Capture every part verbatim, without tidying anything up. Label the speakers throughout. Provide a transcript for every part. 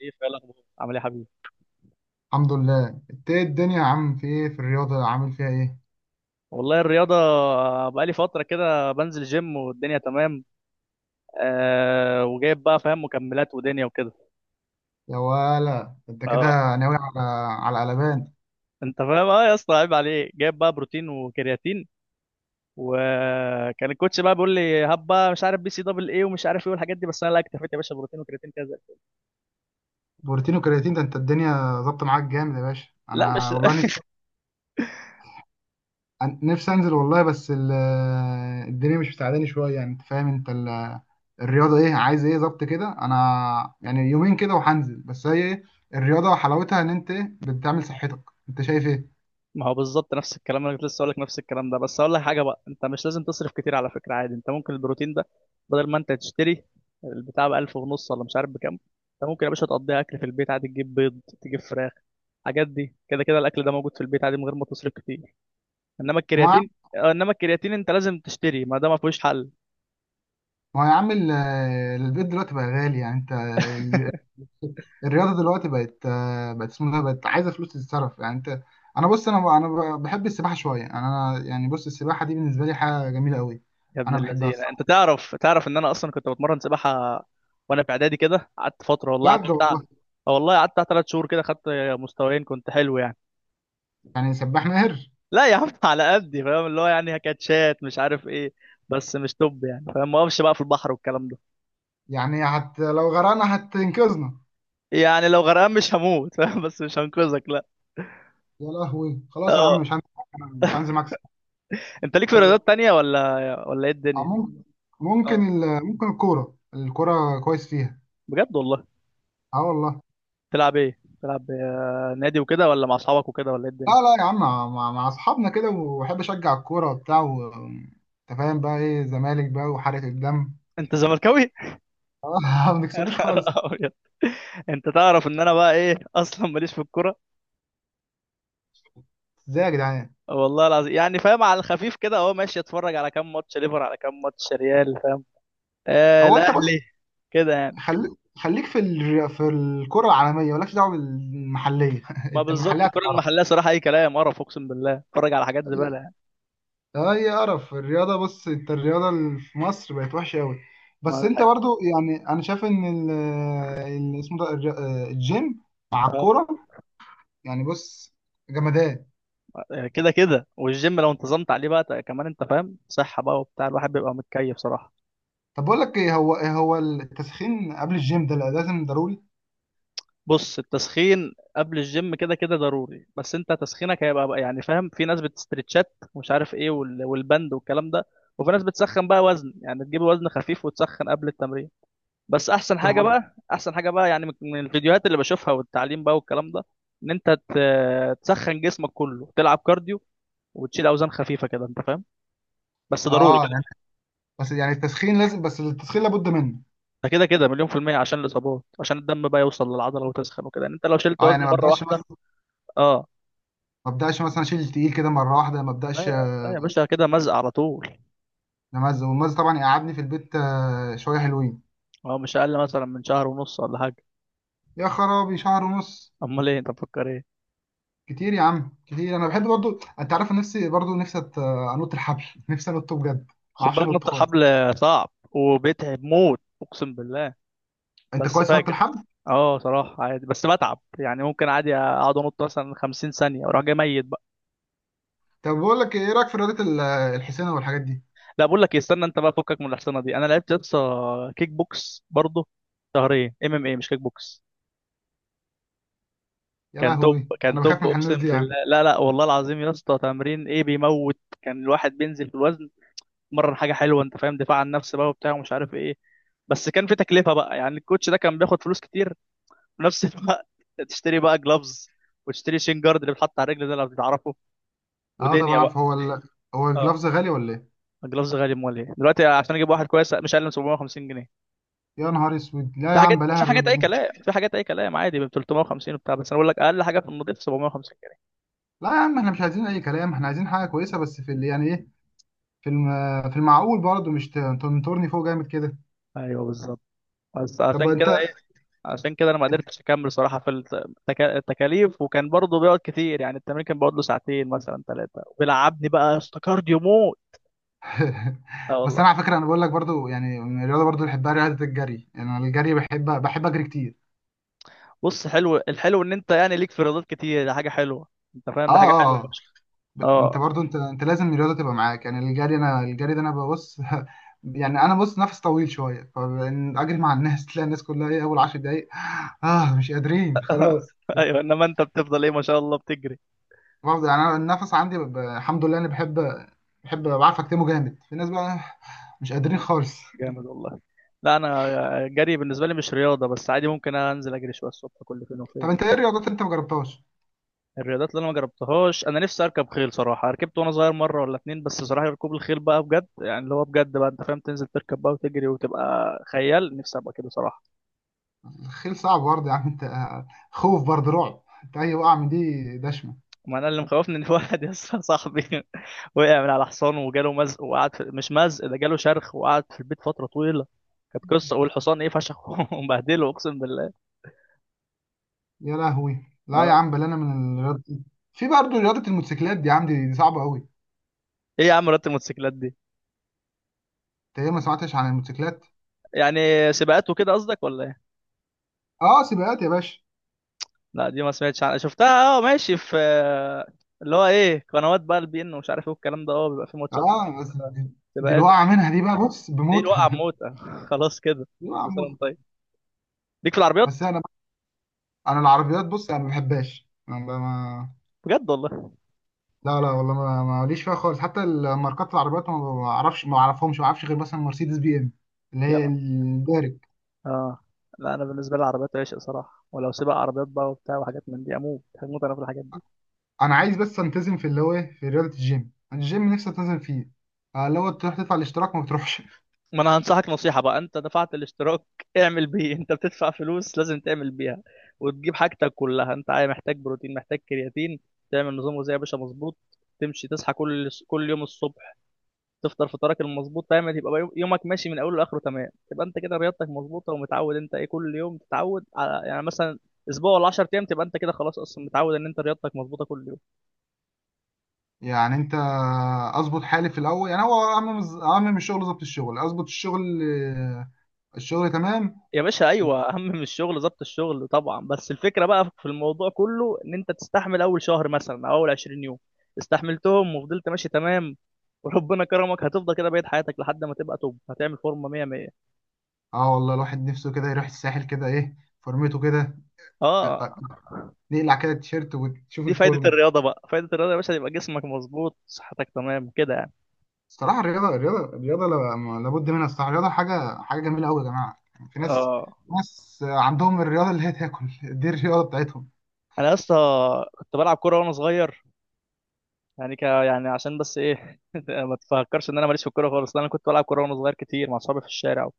Speaker 1: ايه فعلا، الاخبار؟ عامل ايه يا حبيبي؟
Speaker 2: الحمد لله. انت ايه الدنيا يا عم؟ في ايه؟ في الرياضة عامل فيها ايه؟
Speaker 1: والله الرياضه بقالي فتره كده بنزل جيم والدنيا تمام. آه وجايب بقى، فاهم، مكملات ودنيا وكده.
Speaker 2: يا ولا انت
Speaker 1: اه،
Speaker 2: كده ناوي على على قلبان؟
Speaker 1: انت فاهم، اه يا اسطى، عيب عليك، جايب بقى بروتين وكرياتين. وكان الكوتش بقى بيقول لي، هب بقى مش عارف بي سي دبل ايه، ومش عارف ايه والحاجات دي، بس انا لا، اكتفيت يا باشا بروتين وكرياتين كذا.
Speaker 2: بروتين وكرياتين ده انت الدنيا ظابطة معاك جامد يا باشا.
Speaker 1: لا، مش
Speaker 2: انا والله نفسي أن- نفسي انزل والله. بس ال- الدنيا مش مساعداني شوية، يعني انت فاهم. انت ال- الرياضة ايه عايز ايه؟ ظبط كده. انا يعني يومين كده وهنزل، بس هي ايه الرياضة؟ حلاوتها ان انت ايه بتعمل صحتك. انت شايف ايه؟
Speaker 1: ما هو بالظبط نفس الكلام، انا كنت لسه اقول لك نفس الكلام ده. بس اقول لك حاجه بقى، انت مش لازم تصرف كتير على فكره، عادي انت ممكن البروتين ده بدل ما انت تشتري البتاع ب ألف ونص ولا مش عارف بكام، انت ممكن يا باشا تقضيها اكل في البيت عادي، تجيب بيض تجيب فراخ، الحاجات دي كده كده الاكل ده موجود في البيت عادي من غير ما تصرف كتير. انما
Speaker 2: ما
Speaker 1: الكرياتين آه، انما الكرياتين انت لازم تشتري، ما ده ما فيهوش حل.
Speaker 2: ما هو يا عم ال- البيض دلوقتي بقى غالي يعني انت. الرياضه دلوقتي بقت آه، بقت اسمها إيه؟ بقت عايزه فلوس تتصرف يعني انت. انا بص انا انا بحب السباحه شويه، يعني انا يعني بص السباحه دي بالنسبه لي حاجه جميله قوي.
Speaker 1: يا ابن
Speaker 2: انا بحبها
Speaker 1: اللذينه، انت
Speaker 2: الصراحه.
Speaker 1: تعرف تعرف ان انا اصلا كنت بتمرن سباحه وانا في اعدادي كده، قعدت فتره والله، قعدت
Speaker 2: بجد
Speaker 1: بتاع-
Speaker 2: والله؟
Speaker 1: آه والله قعدت ثلاث شهور كده، خدت مستويين كنت حلو يعني.
Speaker 2: يعني سباح ماهر؟
Speaker 1: لا يا عم، على قدي، فاهم اللي هو يعني كاتشات مش عارف ايه، بس مش توب يعني، فاهم ما اقفش بقى في البحر والكلام ده،
Speaker 2: يعني هت لو غرقنا هتنقذنا؟
Speaker 1: يعني لو غرقان مش هموت فاهم بس مش هنقذك لا.
Speaker 2: يا لهوي خلاص يا
Speaker 1: اه،
Speaker 2: عم مش هنزل. مش هنزل معاك سباحة.
Speaker 1: انت ليك في
Speaker 2: آه،
Speaker 1: رياضات تانية ولا ولا ايه الدنيا؟
Speaker 2: ممكن. ممكن
Speaker 1: اه
Speaker 2: ال- ممكن الكوره. الكوره كويس فيها.
Speaker 1: بجد والله.
Speaker 2: اه والله.
Speaker 1: تلعب ايه؟ تلعب آه، نادي وكده ولا مع اصحابك وكده ولا ايه
Speaker 2: لا
Speaker 1: الدنيا؟
Speaker 2: لا يا عم مع, مع مع اصحابنا كده، وبحب اشجع الكوره وبتاع و انت فاهم بقى ايه زمالك بقى وحرقة الدم.
Speaker 1: انت زملكاوي؟
Speaker 2: آه، ما بنكسبوش خالص.
Speaker 1: أبيض. انت تعرف ان انا بقى ايه اصلا ماليش في الكوره،
Speaker 2: ازاي يا جدعان؟
Speaker 1: والله العظيم، يعني فاهم على الخفيف كده اهو ماشي، اتفرج على كام ماتش ليفر، على كام ماتش ريال، فاهم، آه
Speaker 2: هو انت بص،
Speaker 1: الاهلي، كده يعني.
Speaker 2: خليك. خليك في ال... في الكرة العالمية مالكش دعوة بالمحلية.
Speaker 1: ما
Speaker 2: انت
Speaker 1: بالظبط،
Speaker 2: المحلية
Speaker 1: الكرة
Speaker 2: هتتعرف.
Speaker 1: المحلية صراحة أي كلام، قرف أقسم بالله، اتفرج على حاجات زبالة يعني.
Speaker 2: اي قرف الرياضة. بص انت الرياضة اللي في مصر بقت وحشة قوي.
Speaker 1: ما
Speaker 2: بس
Speaker 1: ده
Speaker 2: انت
Speaker 1: حقيقة.
Speaker 2: برضو يعني انا شايف ان ال... ال- اسمه ده الج- الجيم مع
Speaker 1: آه،
Speaker 2: الكورة يعني. بص جمدان.
Speaker 1: كده كده، والجيم لو انتظمت عليه بقى ت- كمان أنت فاهم، صحة بقى وبتاع، الواحد بيبقى متكيف صراحة.
Speaker 2: طب بقول لك ايه، هو هو التسخين قبل الجيم ده لازم ضروري؟
Speaker 1: بص، التسخين قبل الجيم كده كده ضروري، بس أنت تسخينك هيبقى بقى يعني، فاهم في ناس بتستريتشات ومش عارف إيه وال- والبند والكلام ده، وفي ناس بتسخن بقى وزن، يعني تجيب وزن خفيف وتسخن قبل التمرين. بس أحسن
Speaker 2: طب
Speaker 1: حاجة
Speaker 2: ما-
Speaker 1: بقى أحسن حاجة بقى يعني، من من الفيديوهات اللي بشوفها والتعليم بقى والكلام ده، ان انت ت- تسخن جسمك كله، تلعب كارديو وتشيل اوزان خفيفه كده انت فاهم، بس ضروري
Speaker 2: اه
Speaker 1: كده.
Speaker 2: يعني. بس يعني التسخين لازم، بس التسخين لابد منه.
Speaker 1: ده كده كده مليون في الميه، عشان الاصابات، عشان الدم بقى يوصل للعضله وتسخن وكده يعني، انت لو شلت
Speaker 2: اه يعني
Speaker 1: وزن
Speaker 2: ما
Speaker 1: مره
Speaker 2: ابداش.
Speaker 1: واحده. اه.
Speaker 2: ما ابداش مثلا اشيل تقيل كده مره واحده. ما
Speaker 1: لا
Speaker 2: ابداش.
Speaker 1: يا- لا يا باشا، كده مزق على طول.
Speaker 2: نمزه والمز طبعا يقعدني في البيت آه، شويه حلوين.
Speaker 1: اه، مش اقل مثلا من شهر ونص ولا حاجه.
Speaker 2: يا خرابي، شهر ونص؟
Speaker 1: امال ايه؟ انت مفكر ايه؟
Speaker 2: كتير يا عم كتير. انا بحب برضو انت عارف، أنا نفسي برضو نفسي أت- انط الحبل. نفسي انط بجد. ما
Speaker 1: خد
Speaker 2: اعرفش
Speaker 1: بالك،
Speaker 2: انط
Speaker 1: نط الحبل
Speaker 2: خالص.
Speaker 1: صعب وبيتعب موت، اقسم بالله،
Speaker 2: انت
Speaker 1: بس
Speaker 2: كويس في نط
Speaker 1: فاجر.
Speaker 2: الحبل؟
Speaker 1: اه صراحه عادي، بس بتعب يعني، ممكن عادي اقعد انط مثلا خمسين ثانيه واروح جاي ميت.
Speaker 2: طب بقول لك ايه، إيه رايك في رياضه ال- الحسينه والحاجات دي؟
Speaker 1: لا، بقول لك إيه، استنى انت بقى، فكك من الحصانه دي، انا لعبت يسطا كيك بوكس برضه، شهرين، ام ام اي، مش كيك بوكس.
Speaker 2: يا
Speaker 1: كان توب
Speaker 2: لهوي
Speaker 1: كان
Speaker 2: انا بخاف
Speaker 1: توب
Speaker 2: من
Speaker 1: اقسم
Speaker 2: الناس دي يا عم.
Speaker 1: بالله، لا لا والله العظيم يا اسطى، تمرين ايه بيموت، كان الواحد بينزل في الوزن، مرن حاجه حلوه، انت فاهم دفاع عن النفس بقى وبتاع ومش عارف ايه، بس كان في تكلفه بقى، يعني الكوتش ده كان بياخد فلوس كتير في نفس الوقت تشتري بقى جلافز، وتشتري شين جارد اللي بيتحط على الرجل ده لو بتعرفه،
Speaker 2: اه طبعا
Speaker 1: ودنيا
Speaker 2: عارف.
Speaker 1: بقى.
Speaker 2: هو ال... هو
Speaker 1: اه،
Speaker 2: الجلافز غالي ولا ايه؟
Speaker 1: الجلافز غالي، امال ايه دلوقتي، عشان اجيب واحد كويس مش اقل من سبعمية وخمسين جنيه.
Speaker 2: يا نهار اسود، لا
Speaker 1: في
Speaker 2: يا
Speaker 1: حاجات
Speaker 2: عم بلاها
Speaker 1: في حاجات
Speaker 2: الرياضه
Speaker 1: اي
Speaker 2: دي.
Speaker 1: كلام، في حاجات اي كلام عادي ب تلتمية وخمسين وبتاع، بس انا بقول لك اقل حاجه في النضيف سبعمية وخمسين جنيه.
Speaker 2: لا يا عم احنا مش عايزين اي كلام، احنا عايزين حاجه كويسه. بس في اللي يعني ايه في الم... في المعقول برضه. مش ت- تنطرني فوق جامد كده.
Speaker 1: ايوه بالظبط، بس
Speaker 2: طب
Speaker 1: عشان كده
Speaker 2: انت.
Speaker 1: ايه، عشان كده انا ما قدرتش اكمل صراحه في التك- التكاليف، وكان برضه بيقعد كتير، يعني التمرين كان بيقعد له ساعتين مثلا ثلاثه، وبيلعبني بقى استكارد موت. اه
Speaker 2: بس
Speaker 1: والله.
Speaker 2: انا على فكره انا بقول لك برضه، يعني من الرياضه برضه اللي بحبها رياضه الجري. يعني انا الجري بحب بحب اجري كتير.
Speaker 1: بص حلو، الحلو ان انت يعني ليك في رياضات كتير، ده حاجه حلوه، انت فاهم،
Speaker 2: اه.
Speaker 1: ده حاجه حلوه
Speaker 2: اه آه.
Speaker 1: فشخ.
Speaker 2: ب... انت
Speaker 1: اه
Speaker 2: برضه انت انت لازم الرياضه تبقى معاك. يعني الجري انا الجري ده انا ببص. يعني انا بص نفس طويل شويه، فاجري مع الناس تلاقي الناس كلها ايه اول عشر دقايق. اه مش قادرين خلاص.
Speaker 1: ايوه، انما انت بتفضل ايه ما شاء الله، بتجري.
Speaker 2: برضه يعني انا النفس عندي ب... ب- الحمد لله انا بحب. بحب بعرف اكتمه جامد. في ناس بقى مش قادرين خالص.
Speaker 1: جامد والله. لا، انا جري بالنسبه لي مش رياضه، بس عادي ممكن انزل اجري شويه الصبح كل فين
Speaker 2: طب
Speaker 1: وفين
Speaker 2: انت
Speaker 1: بس.
Speaker 2: ايه الرياضات اللي انت ما جربتهاش؟
Speaker 1: الرياضات اللي انا ما جربتهاش، انا نفسي اركب خيل صراحه، ركبت وانا صغير مره ولا اتنين بس، صراحه ركوب الخيل بقى بجد، يعني اللي هو بجد بقى، انت فاهم، تنزل تركب بقى وتجري وتبقى خيال، نفسي ابقى كده صراحه.
Speaker 2: الخيل صعب برضه يا عم. انت آه، خوف برضه، رعب. انت اي وقعه من دي دشمه.
Speaker 1: ما انا اللي مخوفني ان في واحد يا اسطى، صاحبي وقع من على حصان وجاله مزق، وقعد في، مش مزق ده، جاله شرخ وقعد في البيت فتره طويله، كانت قصه، والحصان ايه فشخ ومبهدله اقسم بالله.
Speaker 2: يا لهوي لا يا
Speaker 1: اه.
Speaker 2: عم، بل انا من الرياضه دي. في برضه رياضه الموتوسيكلات دي يا عم، دي, دي صعبه قوي.
Speaker 1: ايه يا عم رياضه الموتوسيكلات دي،
Speaker 2: انت ايه، ما سمعتش عن الموتوسيكلات؟
Speaker 1: يعني سباقات وكده قصدك ولا ايه؟
Speaker 2: اه سباقات يا باشا.
Speaker 1: لا، دي ما سمعتش عنها، شفتها اه، ماشي في اللي هو ايه، قنوات بقى، البي ان ومش عارف ايه والكلام ده، اه بيبقى في ماتشات،
Speaker 2: اه بس دي, دي
Speaker 1: سباقات.
Speaker 2: الوقعه منها دي بقى بص
Speaker 1: دي الوقعه
Speaker 2: بموتها.
Speaker 1: بموتة خلاص كده.
Speaker 2: دي وقعه
Speaker 1: كل سنه
Speaker 2: موت.
Speaker 1: وانت طيب. ليك في
Speaker 2: بس
Speaker 1: العربيات؟
Speaker 2: انا. انا العربيات بص انا ما بحبهاش. انا ب- ما.
Speaker 1: بجد والله،
Speaker 2: لا لا والله ما ما- ماليش فيها خالص. حتى الماركات العربيات ما بعرفش، ما اعرفهمش، ما اعرفش غير مثلا مرسيدس بي ام. اللي
Speaker 1: يا
Speaker 2: هي
Speaker 1: نهار.
Speaker 2: الدارج.
Speaker 1: اه. لا، انا بالنسبه لي العربيات عشق صراحه، ولو سباق عربيات بقى وبتاع وحاجات من دي اموت هموت انا في الحاجات دي.
Speaker 2: انا عايز بس التزم في اللي هو إيه؟ في رياضه الجيم. أنا الجيم نفسي التزم فيه آه، اللي هو تروح تدفع الاشتراك ما بتروحش.
Speaker 1: ما انا هنصحك نصيحة بقى، انت دفعت الاشتراك، اعمل بيه، انت بتدفع فلوس لازم تعمل بيها، وتجيب حاجتك كلها، انت عايز محتاج بروتين محتاج كرياتين، تعمل نظام غذائي يا باشا مظبوط، تمشي تصحى كل كل يوم الصبح، تفطر فطارك المظبوط، تعمل يبقى يوم- يومك ماشي من اوله لاخره تمام، تبقى انت كده رياضتك مظبوطة ومتعود، انت ايه كل يوم تتعود على يعني مثلا اسبوع ولا عشر ايام، تبقى انت كده خلاص اصلا متعود ان انت رياضتك مظبوطة كل يوم.
Speaker 2: يعني انت، اظبط حالي في الاول. يعني هو اعمم اعمم الشغل ظبط الشغل اظبط الشغل آه، الشغل تمام.
Speaker 1: يا باشا ايوه، اهم من الشغل ضبط الشغل طبعا، بس الفكره بقى في الموضوع كله ان انت تستحمل اول شهر مثلا او اول عشرين يوم، استحملتهم وفضلت ماشي تمام، وربنا كرمك هتفضل كده بقيت حياتك لحد ما تبقى توب، هتعمل فورمه ميه ميه.
Speaker 2: اه والله، الواحد نفسه كده يروح الساحل كده ايه، فورمته كده. آه،
Speaker 1: اه.
Speaker 2: آه، نقلع كده التيشيرت وتشوف
Speaker 1: دي فايده
Speaker 2: الفورمه.
Speaker 1: الرياضه بقى، فايده الرياضه يا باشا، يبقى جسمك مظبوط صحتك تمام كده يعني.
Speaker 2: الصراحه الرياضه، الرياضه الرياضه لا- لابد منها. الصراحه الرياضه حاجه. حاجه جميله قوي يا جماعه. يعني في ناس،
Speaker 1: اه،
Speaker 2: ناس عندهم الرياضه اللي هي تاكل. دي الرياضه بتاعتهم.
Speaker 1: انا يا اسطى كنت بلعب كوره وانا صغير، يعني ك يعني عشان بس ايه ما تفكرش ان انا ماليش في الكوره خالص، لا، انا كنت بلعب كوره وانا صغير كتير مع اصحابي في الشارع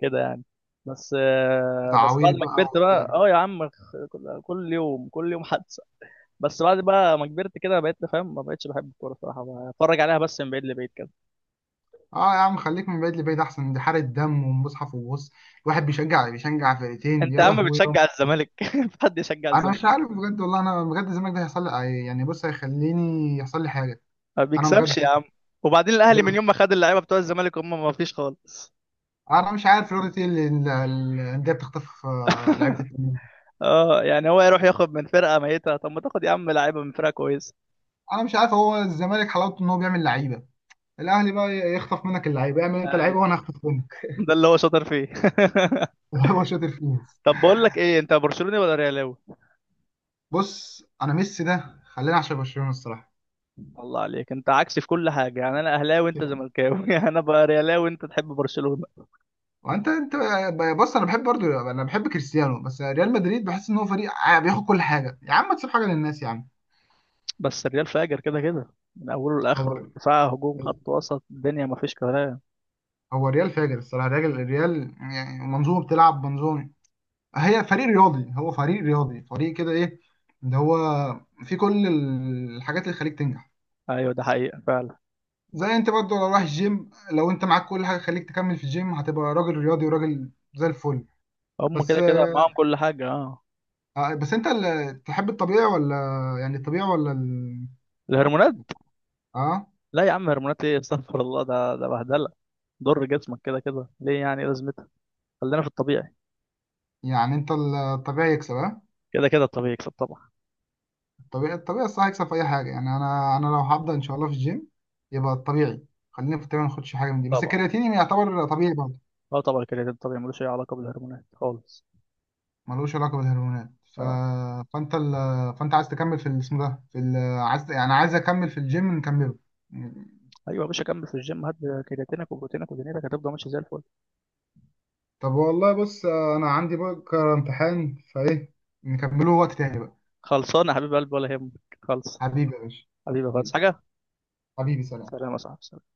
Speaker 1: كده يعني، بس آه، بس
Speaker 2: تعاوير
Speaker 1: بعد ما
Speaker 2: بقى
Speaker 1: كبرت بقى،
Speaker 2: وبتاع.
Speaker 1: اه يا عم، خ- كل كل يوم كل يوم حادثه، بس بعد بقى ما كبرت كده، بقيت فاهم، ما بقتش بحب الكوره صراحه، بتفرج عليها بس من بعيد لبعيد كده.
Speaker 2: اه يا عم خليك من بعيد لبعيد احسن، دي حاره دم ومصحف. وبص الواحد بيشجع بيشجع
Speaker 1: انت
Speaker 2: فرقتين
Speaker 1: يا
Speaker 2: يا
Speaker 1: عم
Speaker 2: لهوي.
Speaker 1: بتشجع الزمالك في حد يشجع
Speaker 2: انا مش
Speaker 1: الزمالك؟
Speaker 2: عارف بجد والله. انا بجد، الزمالك ده هيحصل لي، يعني بص هيخليني يحصل لي حاجه.
Speaker 1: ما
Speaker 2: انا بجد.
Speaker 1: بيكسبش يا عم، وبعدين الاهلي
Speaker 2: ده.
Speaker 1: من يوم ما خد اللعيبه بتوع الزمالك هم ما فيش خالص.
Speaker 2: انا مش عارف رياضه ايه اللي ال- ال- الانديه بتخطف آه، لعيبه التانيين.
Speaker 1: اه يعني هو يروح ياخد من فرقه ميته؟ طب ما تاخد يا عم لعيبه من فرقه كويسه.
Speaker 2: انا مش عارف، هو الزمالك حلاوته ان هو بيعمل لعيبه، الاهلي بقى يخطف منك اللعيبه. اعمل انت
Speaker 1: ايوه،
Speaker 2: لعيبه وانا هخطف منك.
Speaker 1: ده اللي هو شاطر فيه
Speaker 2: هو شاطر فيه.
Speaker 1: طب بقول لك ايه، انت برشلوني ولا ريالاوي؟
Speaker 2: بص انا ميسي ده خلينا عشان برشلونه الصراحه.
Speaker 1: الله عليك، انت عكسي في كل حاجه، يعني انا اهلاوي وانت زملكاوي يعني انا بقى ريالاوي وانت تحب برشلونه،
Speaker 2: وانت انت. بص انا بحب برضو. انا بحب كريستيانو بس ريال مدريد بحس ان هو فريق ع- بياخد كل حاجه. يا عم ما تسيب حاجه للناس يا عم.
Speaker 1: بس الريال فاجر كده كده من اوله لاخره،
Speaker 2: هو.
Speaker 1: دفاع هجوم خط وسط الدنيا ما فيش كلام.
Speaker 2: هو الريال فاجر الصراحه. الريال. الريال يعني منظومه بتلعب منظومه. هي فريق رياضي. هو فريق رياضي. فريق كده ايه، ده هو في كل الحاجات اللي تخليك تنجح.
Speaker 1: ايوه، ده حقيقه فعلا.
Speaker 2: زي انت برضو لو رايح الجيم، لو انت معاك كل حاجه تخليك تكمل في الجيم هتبقى راجل رياضي وراجل زي الفل.
Speaker 1: هم
Speaker 2: بس
Speaker 1: كده كده معاهم كل حاجه، اه.
Speaker 2: آه، بس انت اللي تحب الطبيعي ولا؟ يعني الطبيعي ولا ال...
Speaker 1: الهرمونات؟
Speaker 2: اه
Speaker 1: لا يا عم هرمونات ايه استغفر الله، ده ده بهدله، ضر جسمك كده كده ليه؟ يعني إيه لازمتها، خلينا في الطبيعي.
Speaker 2: يعني انت. الطبيعي يكسب ها؟
Speaker 1: كده كده الطبيعي يكسب طبعا.
Speaker 2: الطبيعي. الطبيعي الصح يكسب في اي حاجه. يعني انا انا لو هبدا ان شاء الله في الجيم يبقى الطبيعي. خلينا في الطبيعي ما ناخدش حاجه من دي، بس
Speaker 1: طبعا،
Speaker 2: الكرياتين يعتبر طبيعي برضه.
Speaker 1: اه طبعا، الكرياتين الطبيعي ملوش اي علاقه بالهرمونات خالص.
Speaker 2: ملوش علاقه بالهرمونات. ف...
Speaker 1: اه،
Speaker 2: فانت ال... فانت عايز تكمل في الاسم ده في ال... عايز. يعني عايز اكمل في الجيم. نكمله.
Speaker 1: ايوه يا باشا، كمل في الجيم، هات كرياتينك وبروتينك ودنيتك هتفضل ماشي زي الفل.
Speaker 2: طب والله بص، انا عندي بكره امتحان فايه، نكمله وقت تاني بقى.
Speaker 1: خلصانه يا حبيب قلبي ولا يهمك، خلص،
Speaker 2: حبيبي يا باشا.
Speaker 1: حبيبي خالص
Speaker 2: حبيبي.
Speaker 1: حاجه.
Speaker 2: حبيبي، سلام.
Speaker 1: سلام يا صاحبي.